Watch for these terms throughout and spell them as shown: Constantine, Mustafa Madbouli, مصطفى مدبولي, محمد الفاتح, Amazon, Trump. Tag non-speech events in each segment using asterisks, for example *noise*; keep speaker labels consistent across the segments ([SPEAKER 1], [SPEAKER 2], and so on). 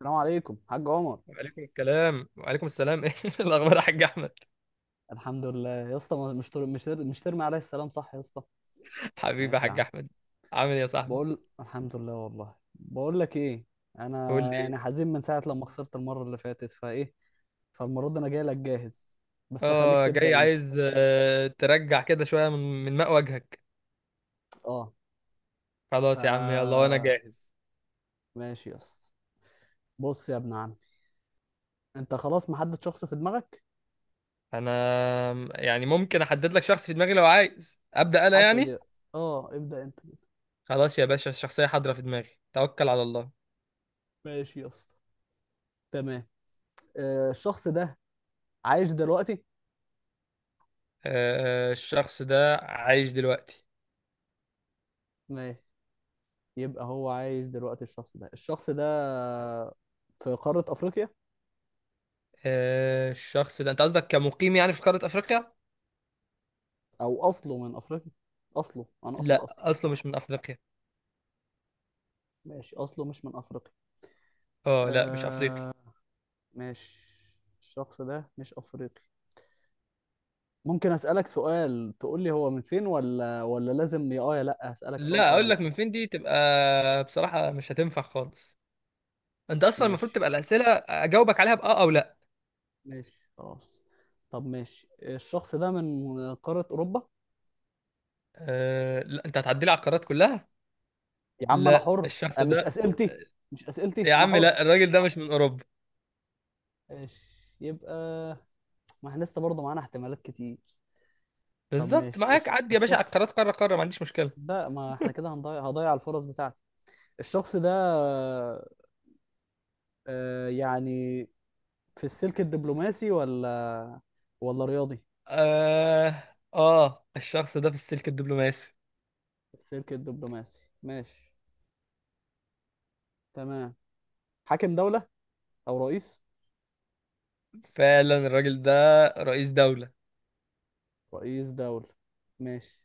[SPEAKER 1] السلام عليكم حاج عمر.
[SPEAKER 2] وعليكم السلام. *laughs* ايه الاخبار يا حاج احمد؟
[SPEAKER 1] الحمد لله يا اسطى، مش ترمي عليا السلام صح يا اسطى؟
[SPEAKER 2] حبيبي يا
[SPEAKER 1] ماشي يا
[SPEAKER 2] حاج
[SPEAKER 1] عم.
[SPEAKER 2] احمد. عامل ايه يا صاحبي؟
[SPEAKER 1] بقول الحمد لله، والله بقول لك ايه،
[SPEAKER 2] قول
[SPEAKER 1] انا
[SPEAKER 2] لي ايه.
[SPEAKER 1] حزين من ساعه لما خسرت المره اللي فاتت، فايه فالمره دي انا جاي لك جاهز، بس خليك
[SPEAKER 2] اه جاي
[SPEAKER 1] تبدا انت.
[SPEAKER 2] عايز، ترجع كده شويه من ماء وجهك.
[SPEAKER 1] اه ف
[SPEAKER 2] خلاص يا عم يلا وانا جاهز.
[SPEAKER 1] ماشي يا اسطى. بص يا ابن عمي، انت خلاص محدد شخص في دماغك؟
[SPEAKER 2] انا يعني ممكن احدد لك شخص في دماغي لو عايز ابدا انا
[SPEAKER 1] حدد يا-
[SPEAKER 2] يعني.
[SPEAKER 1] اه ابدا انت.
[SPEAKER 2] خلاص يا باشا، الشخصيه حاضره في دماغي، توكل على الله.
[SPEAKER 1] ماشي يا اسطى، تمام. الشخص ده عايش دلوقتي؟
[SPEAKER 2] الشخص ده عايش دلوقتي.
[SPEAKER 1] ماشي، يبقى هو عايش دلوقتي. الشخص ده في قارة أفريقيا،
[SPEAKER 2] الشخص ده انت قصدك كمقيم يعني في قاره افريقيا؟
[SPEAKER 1] أو أصله من أفريقيا. أصله، أنا أقصد
[SPEAKER 2] لا
[SPEAKER 1] أصله.
[SPEAKER 2] اصله مش من افريقيا.
[SPEAKER 1] ماشي، أصله مش من أفريقيا.
[SPEAKER 2] اه لا، مش افريقي.
[SPEAKER 1] آه ماشي، الشخص ده مش أفريقي. ممكن أسألك سؤال تقول لي هو من فين؟ ولا لازم يا يا لأ؟ هسألك سؤال،
[SPEAKER 2] لا،
[SPEAKER 1] يا
[SPEAKER 2] اقول
[SPEAKER 1] لأ.
[SPEAKER 2] لك من فين دي تبقى بصراحة مش هتنفع خالص. انت اصلا المفروض
[SPEAKER 1] ماشي،
[SPEAKER 2] تبقى الاسئلة اجاوبك عليها باه او لا.
[SPEAKER 1] ماشي خلاص. طب ماشي، الشخص ده من قارة أوروبا؟
[SPEAKER 2] أه لا، انت هتعدي لي على القارات كلها.
[SPEAKER 1] يا عم أنا
[SPEAKER 2] لا
[SPEAKER 1] حر،
[SPEAKER 2] الشخص
[SPEAKER 1] مش
[SPEAKER 2] ده.
[SPEAKER 1] أسئلتي، مش أسئلتي،
[SPEAKER 2] يا
[SPEAKER 1] أنا
[SPEAKER 2] عم
[SPEAKER 1] حر.
[SPEAKER 2] لا، الراجل ده مش من اوروبا.
[SPEAKER 1] ماشي، يبقى ما احنا لسه برضه معانا احتمالات كتير. طب
[SPEAKER 2] بالظبط،
[SPEAKER 1] ماشي
[SPEAKER 2] معاك، عدي يا باشا على
[SPEAKER 1] الشخص
[SPEAKER 2] القارات قارة قارة، ما عنديش مشكلة.
[SPEAKER 1] ده، ما احنا كده هضيع الفرص بتاعتي. الشخص ده، آه يعني في السلك الدبلوماسي ولا ولا رياضي؟
[SPEAKER 2] اه، اه، الشخص ده في السلك الدبلوماسي.
[SPEAKER 1] السلك الدبلوماسي، ماشي، تمام. حاكم دولة او رئيس؟
[SPEAKER 2] فعلا الراجل ده رئيس دولة.
[SPEAKER 1] رئيس دولة، ماشي.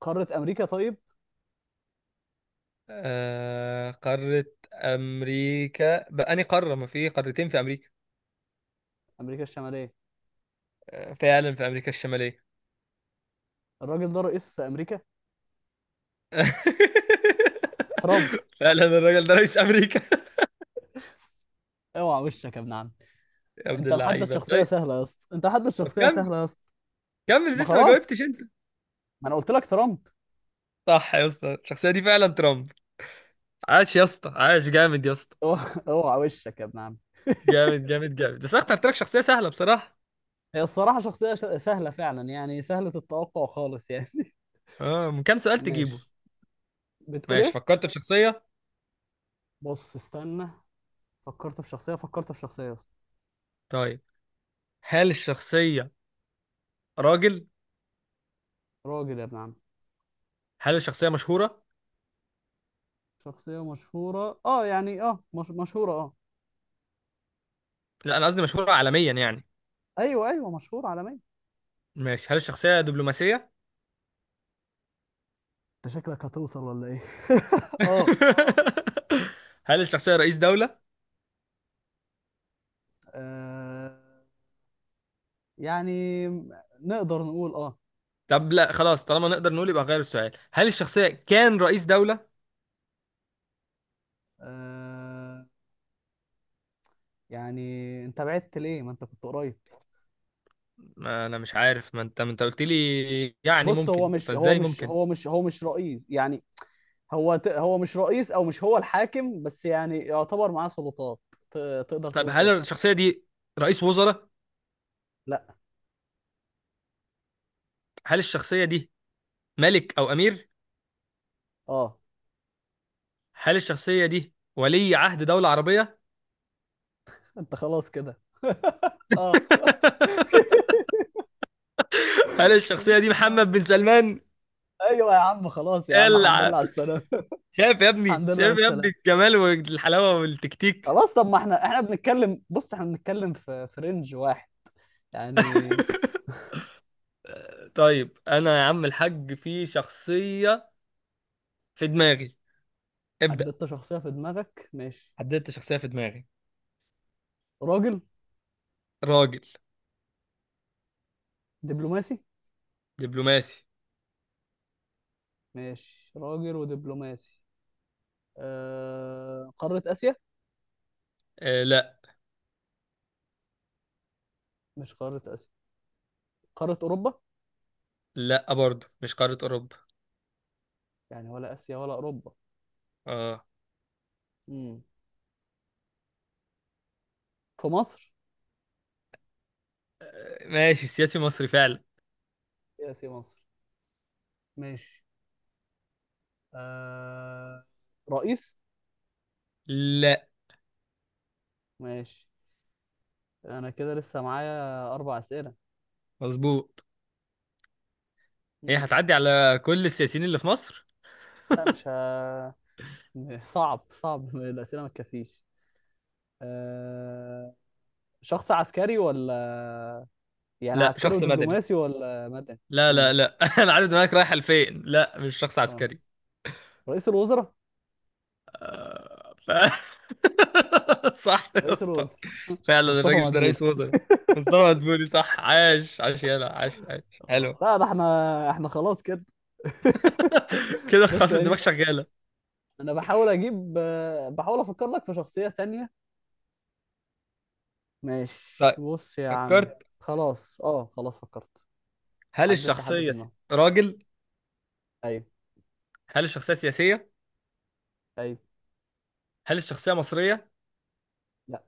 [SPEAKER 1] قارة امريكا طيب؟
[SPEAKER 2] آه، قارة امريكا؟ بأني قارة، ما في قارتين في امريكا.
[SPEAKER 1] امريكا الشمالية.
[SPEAKER 2] فعلا في امريكا الشمالية.
[SPEAKER 1] الراجل ده رئيس امريكا. ترامب.
[SPEAKER 2] *laughs* فعلا الراجل ده رئيس امريكا.
[SPEAKER 1] اوعى وشك يا ابن عم!
[SPEAKER 2] يا ابن
[SPEAKER 1] انت محدد
[SPEAKER 2] اللعيبه،
[SPEAKER 1] شخصية
[SPEAKER 2] طيب.
[SPEAKER 1] سهلة يا اسطى، انت محدد
[SPEAKER 2] طب
[SPEAKER 1] شخصية
[SPEAKER 2] كمل.
[SPEAKER 1] سهلة يا اسطى.
[SPEAKER 2] كمل،
[SPEAKER 1] ما
[SPEAKER 2] لسه ما
[SPEAKER 1] خلاص،
[SPEAKER 2] جاوبتش انت.
[SPEAKER 1] ما انا قلت لك ترامب.
[SPEAKER 2] صح يا اسطى، الشخصيه دي فعلا ترامب. عاش يا اسطى، عاش جامد يا اسطى.
[SPEAKER 1] اوعى وشك يا ابن عم.
[SPEAKER 2] جامد جامد جامد، بس أنا اخترت لك شخصيه سهله بصراحه.
[SPEAKER 1] هي الصراحة شخصية سهلة فعلا، يعني سهلة التوقع خالص يعني. *laughs*
[SPEAKER 2] اه، من كام سؤال تجيبه؟
[SPEAKER 1] ماشي. بتقول
[SPEAKER 2] ماشي،
[SPEAKER 1] ايه؟
[SPEAKER 2] فكرت في شخصيه.
[SPEAKER 1] بص استنى، فكرت في شخصية، فكرت في شخصية يا اسطى.
[SPEAKER 2] طيب، هل الشخصيه راجل؟
[SPEAKER 1] راجل، يا ابن عم.
[SPEAKER 2] هل الشخصيه مشهوره؟
[SPEAKER 1] شخصية مشهورة، اه يعني اه، مش مشهورة اه.
[SPEAKER 2] لا، انا قصدي مشهوره عالميا يعني.
[SPEAKER 1] ايوه ايوه، مشهورة عالميا.
[SPEAKER 2] ماشي، هل الشخصيه دبلوماسيه؟
[SPEAKER 1] انت شكلك هتوصل ولا ايه؟ *laughs* اه.
[SPEAKER 2] *laughs* هل الشخصيه رئيس دوله؟
[SPEAKER 1] آه، يعني نقدر نقول اه.
[SPEAKER 2] طب لا خلاص، طالما نقدر نقول يبقى غير السؤال، هل الشخصية كان رئيس دولة؟
[SPEAKER 1] آه، يعني انت بعدت ليه، ما انت كنت قريب.
[SPEAKER 2] ما أنا مش عارف، ما أنت قلت لي يعني
[SPEAKER 1] بص، هو
[SPEAKER 2] ممكن،
[SPEAKER 1] مش هو
[SPEAKER 2] فإزاي
[SPEAKER 1] مش
[SPEAKER 2] ممكن؟
[SPEAKER 1] هو مش هو مش رئيس يعني. هو مش رئيس او مش هو الحاكم، بس يعني يعتبر معاه سلطات. ت... تقدر
[SPEAKER 2] طب
[SPEAKER 1] تقول
[SPEAKER 2] هل
[SPEAKER 1] كده.
[SPEAKER 2] الشخصية دي رئيس وزراء؟
[SPEAKER 1] لا.
[SPEAKER 2] هل الشخصية دي ملك أو أمير؟
[SPEAKER 1] اه.
[SPEAKER 2] هل الشخصية دي ولي عهد دولة عربية؟
[SPEAKER 1] *laughs* انت خلاص كده. *laughs* اه.
[SPEAKER 2] *laughs* هل الشخصية دي محمد بن سلمان؟
[SPEAKER 1] ايوه يا عم، خلاص يا عم، الحمد لله
[SPEAKER 2] العب.
[SPEAKER 1] على السلامه. *laughs*
[SPEAKER 2] شايف يا ابني،
[SPEAKER 1] الحمد لله على
[SPEAKER 2] شايف يا ابني
[SPEAKER 1] السلامه.
[SPEAKER 2] الجمال والحلاوة والتكتيك.
[SPEAKER 1] خلاص، طب ما احنا بنتكلم، بص احنا بنتكلم في رينج واحد يعني.
[SPEAKER 2] *laughs* طيب أنا يا عم الحاج في شخصية في دماغي، ابدأ.
[SPEAKER 1] حددت شخصيه في دماغك، ماشي.
[SPEAKER 2] حددت شخصية في دماغي.
[SPEAKER 1] راجل.
[SPEAKER 2] راجل.
[SPEAKER 1] دبلوماسي.
[SPEAKER 2] دبلوماسي.
[SPEAKER 1] ماشي، راجل ودبلوماسي. قاره اسيا؟
[SPEAKER 2] آه لا.
[SPEAKER 1] مش قاره اسيا، قاره اوروبا؟
[SPEAKER 2] لا برضه مش قارة أوروبا.
[SPEAKER 1] يعني ولا آسيا ولا أوروبا؟
[SPEAKER 2] اه
[SPEAKER 1] امم في مصر؟
[SPEAKER 2] ماشي، سياسي مصري فعلا.
[SPEAKER 1] في آسيا مصر، ماشي. آه... رئيس؟
[SPEAKER 2] لا.
[SPEAKER 1] ماشي، أنا كده لسه معايا أربع أسئلة.
[SPEAKER 2] مظبوط. ايه،
[SPEAKER 1] امم
[SPEAKER 2] هتعدي على كل السياسيين اللي في مصر؟
[SPEAKER 1] لا مش ه... *laughs* صعب، صعب، الأسئلة ما تكفيش. آه... شخص عسكري ولا، يعني
[SPEAKER 2] لا،
[SPEAKER 1] عسكري
[SPEAKER 2] شخص مدني.
[SPEAKER 1] ودبلوماسي ولا مدني؟
[SPEAKER 2] لا
[SPEAKER 1] امم
[SPEAKER 2] لا لا، *laughs* انا عارف دماغك رايحة لفين، لا مش شخص
[SPEAKER 1] اه
[SPEAKER 2] عسكري.
[SPEAKER 1] رئيس الوزراء؟
[SPEAKER 2] *laughs* صح يا
[SPEAKER 1] رئيس
[SPEAKER 2] اسطى.
[SPEAKER 1] الوزراء. *laughs*
[SPEAKER 2] فعلا
[SPEAKER 1] مصطفى
[SPEAKER 2] الراجل ده
[SPEAKER 1] مدبولي.
[SPEAKER 2] رئيس وزراء. مصطفى مدبولي صح، عاش عاش يلا، عاش عاش.
[SPEAKER 1] آه،
[SPEAKER 2] حلو.
[SPEAKER 1] لا ده احنا، احنا خلاص كده.
[SPEAKER 2] *laughs*
[SPEAKER 1] *laughs*
[SPEAKER 2] كده
[SPEAKER 1] بس
[SPEAKER 2] خلاص الدماغ
[SPEAKER 1] يعني
[SPEAKER 2] شغالة.
[SPEAKER 1] انا بحاول اجيب، بحاول افكر لك في شخصية تانية.
[SPEAKER 2] طيب،
[SPEAKER 1] ماشي، بص يا عم.
[SPEAKER 2] فكرت.
[SPEAKER 1] خلاص اه، خلاص فكرت.
[SPEAKER 2] هل
[SPEAKER 1] حددت حد في
[SPEAKER 2] الشخصية س-
[SPEAKER 1] دماغي.
[SPEAKER 2] راجل.
[SPEAKER 1] ايوه.
[SPEAKER 2] هل الشخصية سياسية؟
[SPEAKER 1] ايوه.
[SPEAKER 2] هل الشخصية مصرية؟
[SPEAKER 1] لا.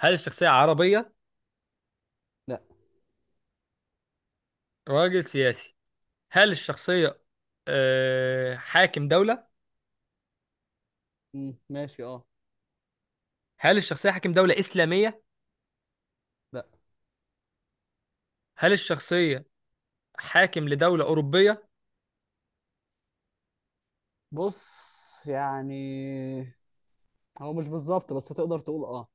[SPEAKER 2] هل الشخصية عربية؟
[SPEAKER 1] لا.
[SPEAKER 2] راجل سياسي. هل الشخصية حاكم دولة؟
[SPEAKER 1] مم، ماشي اه.
[SPEAKER 2] هل الشخصية حاكم دولة إسلامية؟
[SPEAKER 1] لا.
[SPEAKER 2] هل الشخصية حاكم لدولة أوروبية؟
[SPEAKER 1] بص يعني هو مش بالظبط، بس تقدر تقول اه.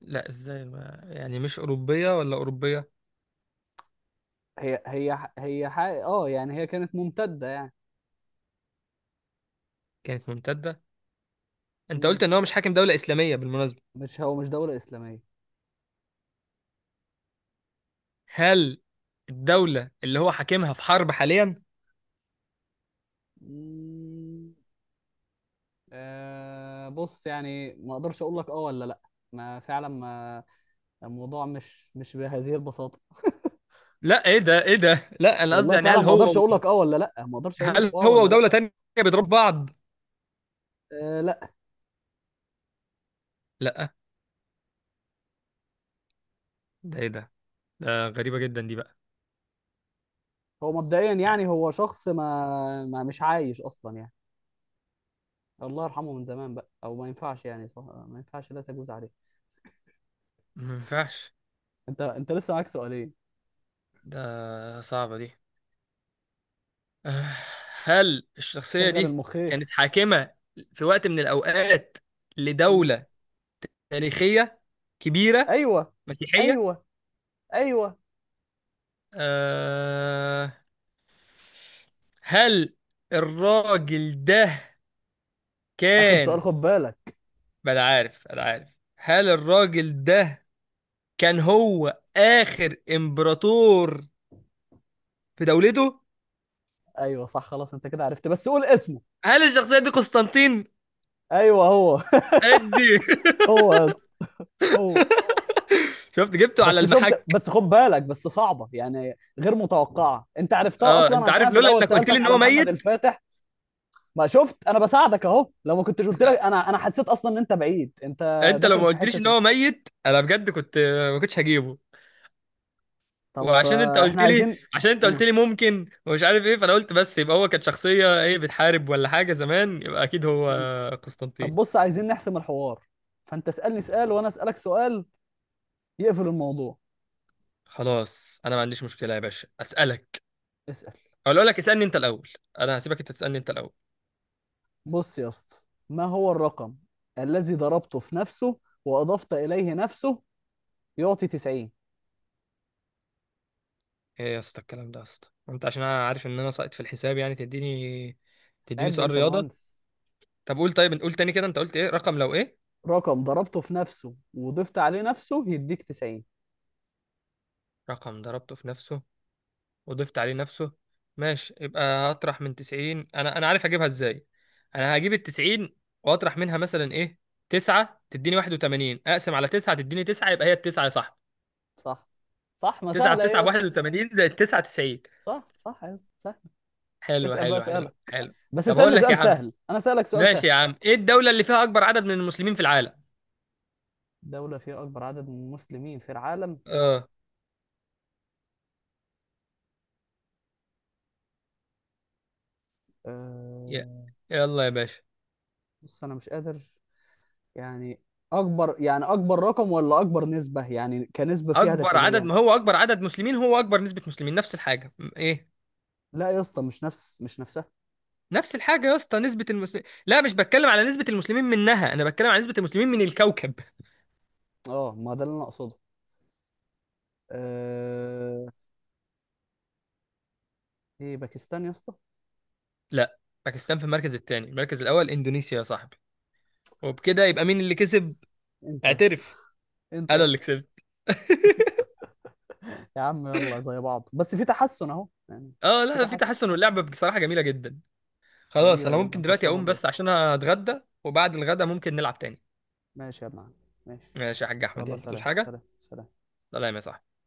[SPEAKER 2] لا إزاي، ما يعني مش أوروبية ولا أوروبية؟
[SPEAKER 1] هي هي ح- هي حق... اه يعني هي كانت ممتدة يعني.
[SPEAKER 2] كانت ممتدة؟ أنت
[SPEAKER 1] مم.
[SPEAKER 2] قلت إن هو مش حاكم دولة إسلامية بالمناسبة.
[SPEAKER 1] مش هو، مش دولة إسلامية.
[SPEAKER 2] هل الدولة اللي هو حاكمها في حرب حاليا؟
[SPEAKER 1] مم. آه بص يعني، ما اقدرش اقول لك اه ولا لا، ما فعلا ما الموضوع مش بهذه البساطة.
[SPEAKER 2] لا إيه ده، إيه ده؟ لا أنا قصدي
[SPEAKER 1] والله
[SPEAKER 2] يعني
[SPEAKER 1] فعلا
[SPEAKER 2] هل
[SPEAKER 1] ما
[SPEAKER 2] هو،
[SPEAKER 1] اقدرش اقول لك اه ولا لا، ما اقدرش اقول لك
[SPEAKER 2] هل
[SPEAKER 1] اه
[SPEAKER 2] هو
[SPEAKER 1] ولا لا
[SPEAKER 2] ودولة تانية بيضربوا بعض؟
[SPEAKER 1] آه لا.
[SPEAKER 2] لا ده إيه ده؟ ده غريبة جدا دي بقى.
[SPEAKER 1] هو مبدئيا يعني، هو شخص ما, ما مش عايش اصلا يعني، الله يرحمه من زمان بقى. او ما ينفعش يعني، صح ما ينفعش، لا تجوز عليه.
[SPEAKER 2] ما ينفعش.
[SPEAKER 1] انت لسه معاك سؤالين.
[SPEAKER 2] ده صعبة دي. *sighs* آه، هل الشخصية
[SPEAKER 1] شغل
[SPEAKER 2] دي كانت
[SPEAKER 1] المخيخ.
[SPEAKER 2] حاكمة في وقت من الأوقات
[SPEAKER 1] مم.
[SPEAKER 2] لدولة تاريخية كبيرة
[SPEAKER 1] ايوه.
[SPEAKER 2] مسيحية؟
[SPEAKER 1] ايوه. ايوه.
[SPEAKER 2] أه هل الراجل ده
[SPEAKER 1] اخر سؤال،
[SPEAKER 2] كان،
[SPEAKER 1] خد بالك.
[SPEAKER 2] بلا عارف بلا عارف، هل الراجل ده كان هو آخر إمبراطور في دولته؟
[SPEAKER 1] ايوه صح، خلاص انت كده عرفت، بس قول اسمه.
[SPEAKER 2] هل الشخصية دي قسطنطين؟
[SPEAKER 1] ايوه هو.
[SPEAKER 2] أدي.
[SPEAKER 1] *laughs* هو يا اسطى، هو.
[SPEAKER 2] *laughs* شفت جبته على
[SPEAKER 1] بس شفت؟
[SPEAKER 2] المحك.
[SPEAKER 1] بس خد بالك، بس صعبة يعني غير متوقعة، انت عرفتها
[SPEAKER 2] اه
[SPEAKER 1] اصلا
[SPEAKER 2] انت
[SPEAKER 1] عشان
[SPEAKER 2] عارف،
[SPEAKER 1] أنا في
[SPEAKER 2] لولا
[SPEAKER 1] الاول
[SPEAKER 2] انك قلت لي
[SPEAKER 1] سألتك
[SPEAKER 2] ان
[SPEAKER 1] على
[SPEAKER 2] هو
[SPEAKER 1] محمد
[SPEAKER 2] ميت،
[SPEAKER 1] الفاتح. ما شفت انا بساعدك اهو، لو ما كنتش قلت لك، انا حسيت اصلا ان انت بعيد، انت
[SPEAKER 2] انت لو
[SPEAKER 1] داخل
[SPEAKER 2] ما
[SPEAKER 1] في
[SPEAKER 2] قلتليش ان
[SPEAKER 1] حتة
[SPEAKER 2] هو ميت انا بجد كنت ما كنتش هجيبه.
[SPEAKER 1] طب،
[SPEAKER 2] وعشان انت
[SPEAKER 1] احنا
[SPEAKER 2] قلت لي
[SPEAKER 1] عايزين.
[SPEAKER 2] عشان انت
[SPEAKER 1] مم.
[SPEAKER 2] قلت لي ممكن ومش عارف ايه، فانا قلت بس يبقى هو كانت شخصية ايه بتحارب ولا حاجة زمان، يبقى اكيد هو
[SPEAKER 1] مم. طب
[SPEAKER 2] قسطنطين.
[SPEAKER 1] بص، عايزين نحسم الحوار، فانت اسألني سؤال وانا اسألك سؤال يقفل الموضوع.
[SPEAKER 2] خلاص انا ما عنديش مشكلة يا باشا، اسالك
[SPEAKER 1] اسأل.
[SPEAKER 2] او اقول لك اسالني انت الاول. انا هسيبك انت تسالني انت الاول.
[SPEAKER 1] بص يا اسطى، ما هو الرقم الذي ضربته في نفسه واضفت اليه نفسه يعطي 90؟
[SPEAKER 2] ايه يا اسطى الكلام ده يا اسطى، انت عشان انا عارف ان انا ساقط في الحساب يعني تديني
[SPEAKER 1] عيب ده،
[SPEAKER 2] سؤال
[SPEAKER 1] انت
[SPEAKER 2] رياضة؟
[SPEAKER 1] مهندس.
[SPEAKER 2] طب قول طيب قول تاني كده، انت قلت ايه؟ رقم لو ايه؟
[SPEAKER 1] رقم ضربته في نفسه وضفت عليه نفسه يديك 90.
[SPEAKER 2] رقم ضربته في نفسه وضفت عليه نفسه. ماشي، يبقى هطرح من 90، انا عارف اجيبها ازاي. انا هجيب ال 90 واطرح منها مثلا ايه، 9 تديني 81، اقسم على 9 تديني 9، يبقى هي التسعة يا صاحبي.
[SPEAKER 1] صح صح، ما
[SPEAKER 2] 9 في
[SPEAKER 1] سهله ايه
[SPEAKER 2] 9
[SPEAKER 1] يا
[SPEAKER 2] ب
[SPEAKER 1] اسطى.
[SPEAKER 2] 81 زائد 9، 90.
[SPEAKER 1] صح صح يا اسطى، سهل.
[SPEAKER 2] حلو
[SPEAKER 1] اسال بقى،
[SPEAKER 2] حلو حلو
[SPEAKER 1] اسئله.
[SPEAKER 2] حلو.
[SPEAKER 1] بس
[SPEAKER 2] طب هقول
[SPEAKER 1] اسالني
[SPEAKER 2] لك يا
[SPEAKER 1] سؤال
[SPEAKER 2] عم.
[SPEAKER 1] سهل انا اسالك سؤال
[SPEAKER 2] ماشي
[SPEAKER 1] سهل.
[SPEAKER 2] يا عم، ايه الدولة اللي فيها اكبر عدد من المسلمين في العالم؟
[SPEAKER 1] دوله فيها اكبر عدد من المسلمين في العالم؟
[SPEAKER 2] اه. ي-
[SPEAKER 1] أه...
[SPEAKER 2] يلا يا باشا.
[SPEAKER 1] بص انا مش قادر يعني، اكبر يعني اكبر رقم ولا اكبر نسبه، يعني كنسبه فيها
[SPEAKER 2] اكبر عدد،
[SPEAKER 1] داخليا؟
[SPEAKER 2] ما هو اكبر عدد مسلمين هو اكبر نسبة مسلمين، نفس الحاجة م- ايه.
[SPEAKER 1] لا يا اسطى، مش نفس، مش نفسها.
[SPEAKER 2] نفس الحاجة يا اسطى، نسبة المسلمين، لا مش بتكلم على نسبة المسلمين منها، أنا بتكلم على نسبة المسلمين من الكوكب.
[SPEAKER 1] اه ما ده اللي انا اقصده. أه... ايه، باكستان يا اسطى؟
[SPEAKER 2] لا، باكستان في المركز الثاني، المركز الأول إندونيسيا يا صاحبي. وبكده يبقى مين اللي كسب؟
[SPEAKER 1] انت يا اسطى.
[SPEAKER 2] اعترف.
[SPEAKER 1] انت يا
[SPEAKER 2] أنا اللي
[SPEAKER 1] اسطى.
[SPEAKER 2] كسبت.
[SPEAKER 1] يا عم يلا، زي بعض، بس في تحسن اهو يعني.
[SPEAKER 2] *laughs* اه
[SPEAKER 1] في
[SPEAKER 2] لا، في
[SPEAKER 1] تحسن.
[SPEAKER 2] تحسن، واللعبة بصراحة جميلة جدا. خلاص
[SPEAKER 1] جميلة
[SPEAKER 2] أنا
[SPEAKER 1] جدا،
[SPEAKER 2] ممكن دلوقتي أقوم
[SPEAKER 1] طرشمون لسه.
[SPEAKER 2] بس عشان أتغدى، وبعد الغدا ممكن نلعب تاني.
[SPEAKER 1] ماشي يا ابن عم، ماشي.
[SPEAKER 2] ماشي يا حاج أحمد،
[SPEAKER 1] يلا
[SPEAKER 2] يلا تقولش
[SPEAKER 1] سلام،
[SPEAKER 2] حاجة.
[SPEAKER 1] سلام، سلام.
[SPEAKER 2] سلام يا صاحبي.